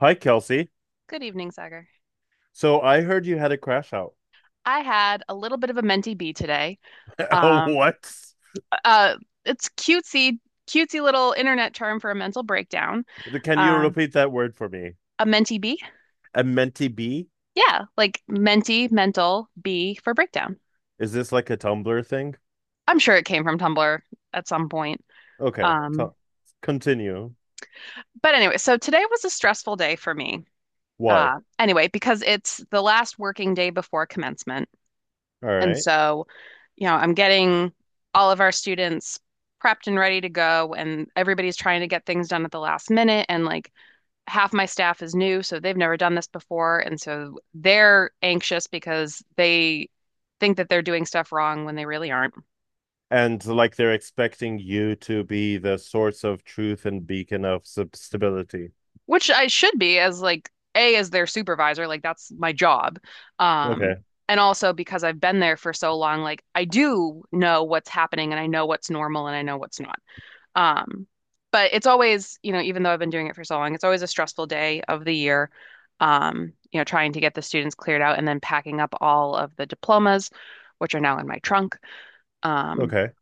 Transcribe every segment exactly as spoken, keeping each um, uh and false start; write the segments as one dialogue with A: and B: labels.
A: Hi, Kelsey.
B: Good evening, Sagar.
A: So I heard you had a crash out.
B: I had a little bit of a mentee bee today.
A: Oh,
B: Um,
A: what?
B: uh, it's cutesy, cutesy little internet term for a mental breakdown.
A: Can you
B: Um,
A: repeat that word for me?
B: a mentee bee?
A: A mentee B?
B: Yeah, like mentee, mental, bee for breakdown.
A: Is this like a Tumblr thing?
B: I'm sure it came from Tumblr at some point.
A: Okay, co-
B: Um,
A: continue.
B: but anyway, so today was a stressful day for me.
A: Why?
B: Uh, anyway, because it's the last working day before commencement.
A: All
B: And
A: right.
B: so, you know, I'm getting all of our students prepped and ready to go, and everybody's trying to get things done at the last minute. And like half my staff is new, so they've never done this before. And so they're anxious because they think that they're doing stuff wrong when they really aren't,
A: And like they're expecting you to be the source of truth and beacon of sub- stability.
B: which I should be as like A, as their supervisor, like that's my job. Um,
A: Okay,
B: and also because I've been there for so long, like I do know what's happening and I know what's normal and I know what's not. Um, but it's always, you know, even though I've been doing it for so long, it's always a stressful day of the year. Um, you know, trying to get the students cleared out and then packing up all of the diplomas, which are now in my trunk. Um,
A: okay.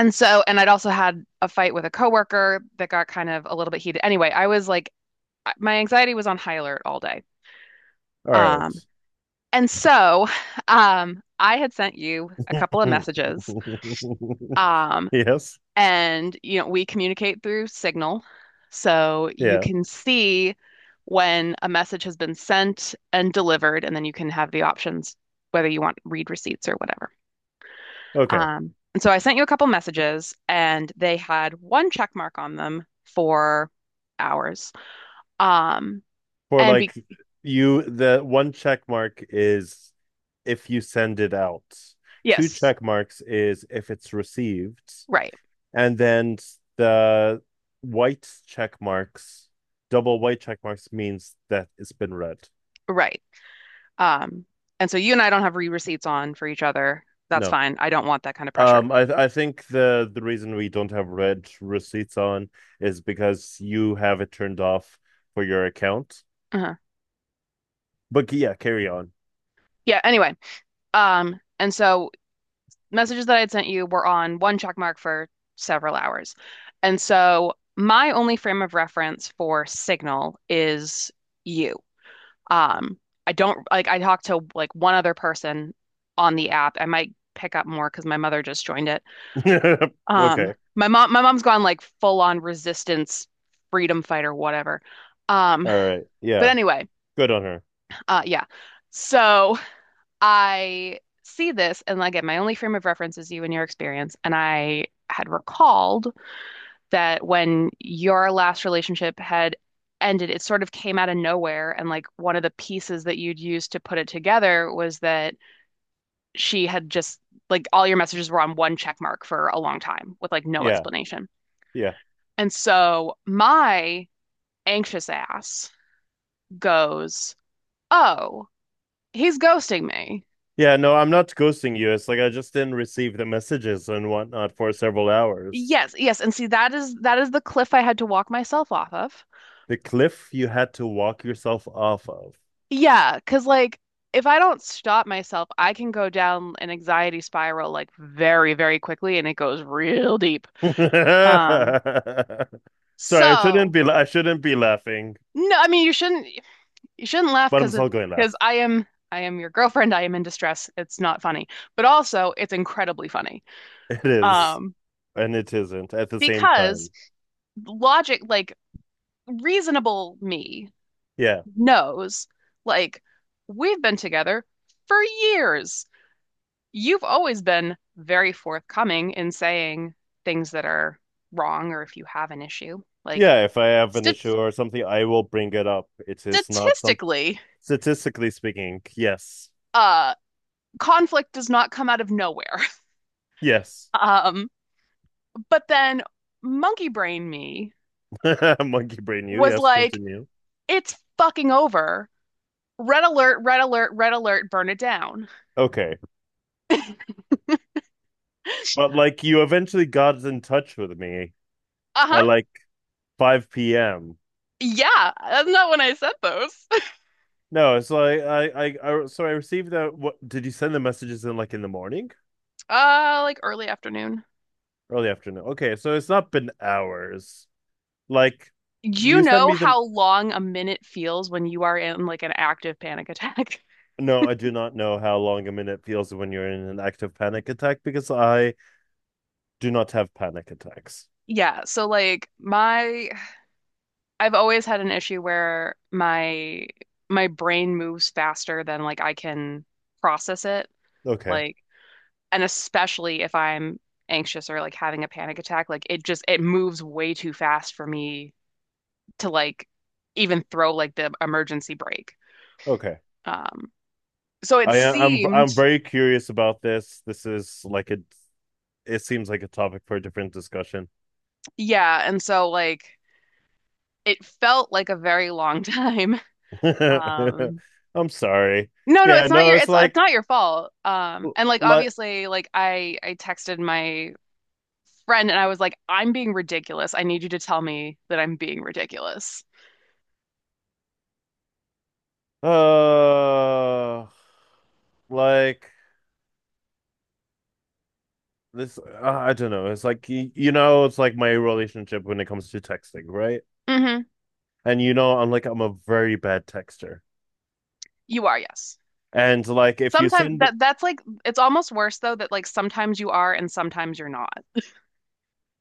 B: and so, and I'd also had a fight with a coworker that got kind of a little bit heated. Anyway, I was like, my anxiety was on high alert all day.
A: All right.
B: Um, and so, um, I had sent you a couple of messages. Um,
A: Yes.
B: And, you know, we communicate through Signal. So you
A: Yeah.
B: can see when a message has been sent and delivered, and then you can have the options whether you want read receipts or whatever.
A: Okay.
B: Um, and so I sent you a couple messages, and they had one check mark on them for hours. Um,
A: For
B: and be
A: like you the one check mark is if you send it out. Two
B: Yes,
A: check marks is if it's received,
B: right,
A: and then the white check marks, double white check marks means that it's been read.
B: right. Um, and so you and I don't have read receipts on for each other. That's
A: No.
B: fine. I don't want that kind of pressure.
A: Um, I th- I think the the reason we don't have red receipts on is because you have it turned off for your account.
B: Uh-huh.
A: But yeah, carry on.
B: Yeah, anyway. Um, and so messages that I had sent you were on one check mark for several hours. And so my only frame of reference for Signal is you. Um, I don't, like, I talked to like one other person on the app. I might pick up more because my mother just joined it. Um,
A: Okay.
B: my mom my mom's gone like full on resistance freedom fighter whatever. Um,
A: All right.
B: but
A: Yeah.
B: anyway,
A: Good on her.
B: uh yeah. So I see this, and like, again, my only frame of reference is you and your experience. And I had recalled that when your last relationship had ended, it sort of came out of nowhere. And like one of the pieces that you'd used to put it together was that she had just, like, all your messages were on one check mark for a long time with like no
A: Yeah.
B: explanation.
A: Yeah.
B: And so my anxious ass goes, oh, he's ghosting me.
A: Yeah, no, I'm not ghosting you. It's like I just didn't receive the messages and whatnot for several hours.
B: Yes, yes, and see that is that is the cliff I had to walk myself off of.
A: The cliff you had to walk yourself off of.
B: Yeah, 'cause like if I don't stop myself, I can go down an anxiety spiral like very, very quickly and it goes real deep.
A: Sorry,
B: Um,
A: I shouldn't
B: so
A: be I shouldn't be laughing,
B: no, I mean you shouldn't, you shouldn't laugh
A: but I'm
B: 'cause it
A: still going to laugh.
B: 'cause I am, I am your girlfriend, I am in distress. It's not funny. But also it's incredibly funny.
A: It is,
B: Um,
A: and it isn't at the same
B: because
A: time.
B: logic, like, reasonable me
A: Yeah.
B: knows, like, we've been together for years. You've always been very forthcoming in saying things that are wrong or if you have an issue. Like,
A: Yeah, if I have an
B: st
A: issue or something, I will bring it up. It is not some
B: statistically,
A: statistically speaking. Yes.
B: uh, conflict does not come out of nowhere.
A: Yes.
B: Um, but then monkey brain me
A: Monkey brain you.
B: was
A: Yes,
B: like,
A: continue.
B: it's fucking over. Red alert, red alert, red alert, burn it down.
A: Okay. But like you eventually got in touch with me
B: Uh-huh.
A: at like five p m.
B: Yeah, that's not when I said those.
A: No, so I, I, I, I so I received that. What did you send the messages in like in the morning,
B: Uh, like early afternoon.
A: early afternoon? Okay, so it's not been hours. Like
B: You
A: you send
B: know
A: me the.
B: how long a minute feels when you are in like an active panic attack.
A: No, I do not know how long a minute feels when you're in an active panic attack because I do not have panic attacks.
B: Yeah, so like my I've always had an issue where my my brain moves faster than like I can process it.
A: Okay,
B: Like, and especially if I'm anxious or like having a panic attack, like it just, it moves way too fast for me to like even throw like the emergency brake.
A: okay.
B: Um so it
A: I, I'm,
B: seemed,
A: I'm very curious about this. This is like a, it seems like a topic for a different discussion.
B: yeah, and so like it felt like a very long time. Um,
A: I'm sorry.
B: no, no,
A: Yeah,
B: it's not
A: no,
B: your,
A: it's
B: it's it's
A: like
B: not your fault. Um, and like
A: like
B: obviously, like I I texted my friend and I was like, I'm being ridiculous. I need you to tell me that I'm being ridiculous.
A: uh like this uh, I don't know. It's like y- you know, it's like my relationship when it comes to texting, right?
B: Hmm.
A: And you know, I'm like I'm a very bad texter.
B: You are, yes.
A: And like if you
B: Sometimes
A: send
B: that that's like, it's almost worse though that like sometimes you are and sometimes you're not.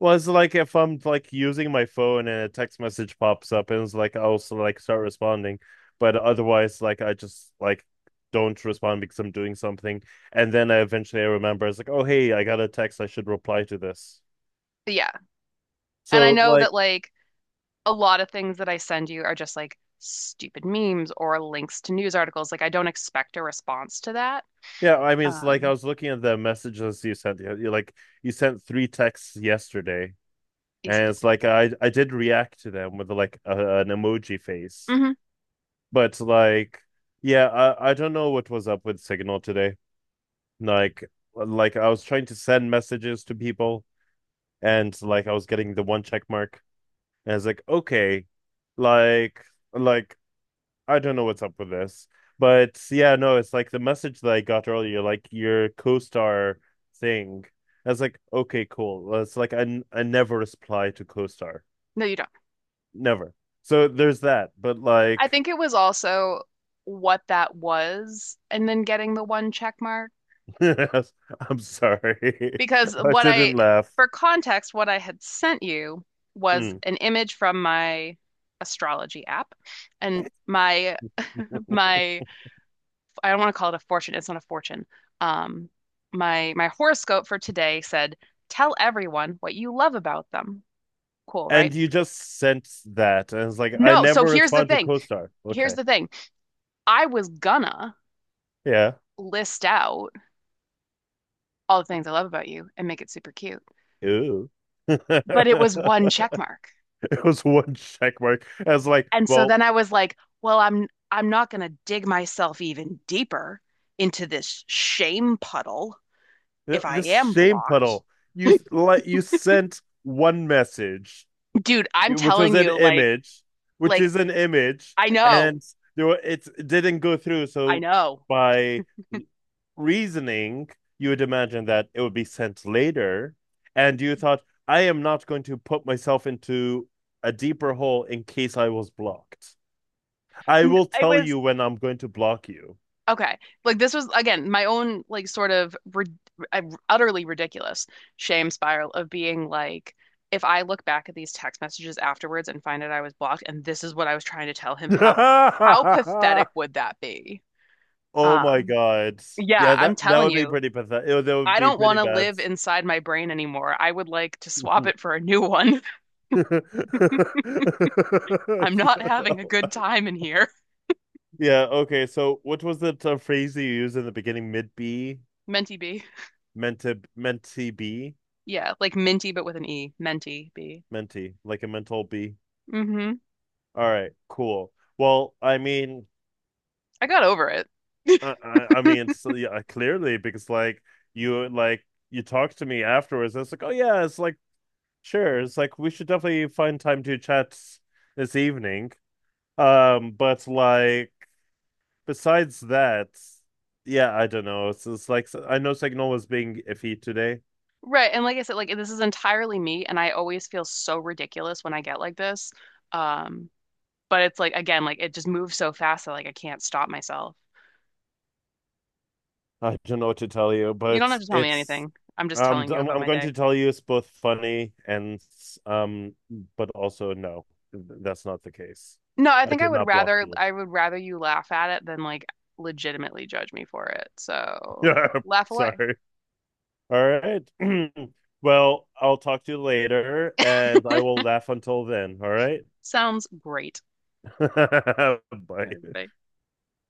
A: was like if I'm like using my phone and a text message pops up and it's like I also like start responding, but otherwise like I just like don't respond because I'm doing something, and then I eventually I remember it's like, oh hey, I got a text, I should reply to this.
B: But yeah. And I
A: So
B: know
A: like,
B: that like a lot of things that I send you are just like stupid memes or links to news articles. Like I don't expect a response to that.
A: yeah, I mean it's like I
B: Um,
A: was looking at the messages you sent you you, like you sent three texts yesterday
B: yes, I
A: and
B: did.
A: it's like I I did react to them with like a, an emoji face,
B: Hmm.
A: but like yeah I I don't know what was up with Signal today. Like like I was trying to send messages to people and like I was getting the one check mark and I was like, okay, like like I don't know what's up with this. But yeah, no, it's like the message that I got earlier, like your co-star thing. I was like, okay, cool. Well, it's like I, n- I never reply to co-star.
B: No, you don't.
A: Never. So there's that. But
B: I
A: like
B: think it was also what that was, and then getting the one check mark.
A: I'm sorry.
B: Because
A: I
B: what I,
A: shouldn't laugh.
B: for context, what I had sent you was
A: Mm.
B: an image from my astrology app, and my my I don't want to call it a fortune. It's not a fortune. Um, my my horoscope for today said, "Tell everyone what you love about them." Cool, right?
A: And you just sent that, and it's like I
B: No, so
A: never
B: here's the
A: respond to
B: thing.
A: co-star.
B: Here's
A: Okay,
B: the thing. I was gonna
A: yeah,
B: list out all the things I love about you and make it super cute.
A: ooh.
B: But it
A: It
B: was one check mark.
A: was one check mark. I was like,
B: And so
A: well,
B: then I was like, well, I'm I'm not going to dig myself even deeper into this shame puddle if I
A: this
B: am
A: shame
B: blocked.
A: puddle. You like you sent one message,
B: Dude, I'm
A: which
B: telling
A: was an
B: you like
A: image, which
B: like
A: is an image,
B: I know.
A: and there were, it didn't go through.
B: I
A: So
B: know.
A: by reasoning, you would imagine that it would be sent later. And you thought, I am not going to put myself into a deeper hole in case I was blocked. I
B: It
A: will tell
B: was
A: you when I'm going to block you.
B: Okay. Like this was again my own like sort of rid uh, utterly ridiculous shame spiral of being like, if I look back at these text messages afterwards and find out I was blocked and this is what I was trying to tell him, how how pathetic would that be?
A: Oh my
B: Um
A: God.
B: yeah,
A: Yeah,
B: I'm
A: that that
B: telling
A: would be
B: you.
A: pretty pathetic. It, would- that would
B: I
A: be
B: don't
A: pretty
B: want to
A: bad.
B: live inside my brain anymore. I would like to swap it for a new one. I'm not having a good time in here.
A: Yeah, okay. So what was the uh, phrase you used in the beginning? Mid B?
B: Menti B.
A: Meant to meant to be?
B: Yeah, like minty but with an E. Menti B.
A: Minty, like a mental B.
B: Hmm.
A: All right, cool. Well, I mean,
B: I got over it.
A: I, I I mean, so yeah, clearly because like you like you talked to me afterwards. And it's like, oh yeah, it's like sure. It's like we should definitely find time to chat this evening. Um, but like besides that, yeah, I don't know. It's, it's like so, I know Signal was being iffy today.
B: Right. And like I said, like this is entirely me, and I always feel so ridiculous when I get like this. Um, but it's like again, like it just moves so fast that like I can't stop myself.
A: I don't know what to tell you,
B: You don't have
A: but
B: to tell me
A: it's
B: anything. I'm just
A: um
B: telling you
A: I'm
B: about
A: I'm
B: my
A: going to
B: day.
A: tell you it's both funny and um but also no, th- that's not the case.
B: No, I
A: I
B: think I
A: did
B: would
A: not block
B: rather
A: you.
B: I would rather you laugh at it than like legitimately judge me for it. So
A: Yeah,
B: laugh away.
A: sorry. All right. Well, I'll talk to you later and I will laugh until then, all right?
B: Sounds great. I-
A: Bye.
B: I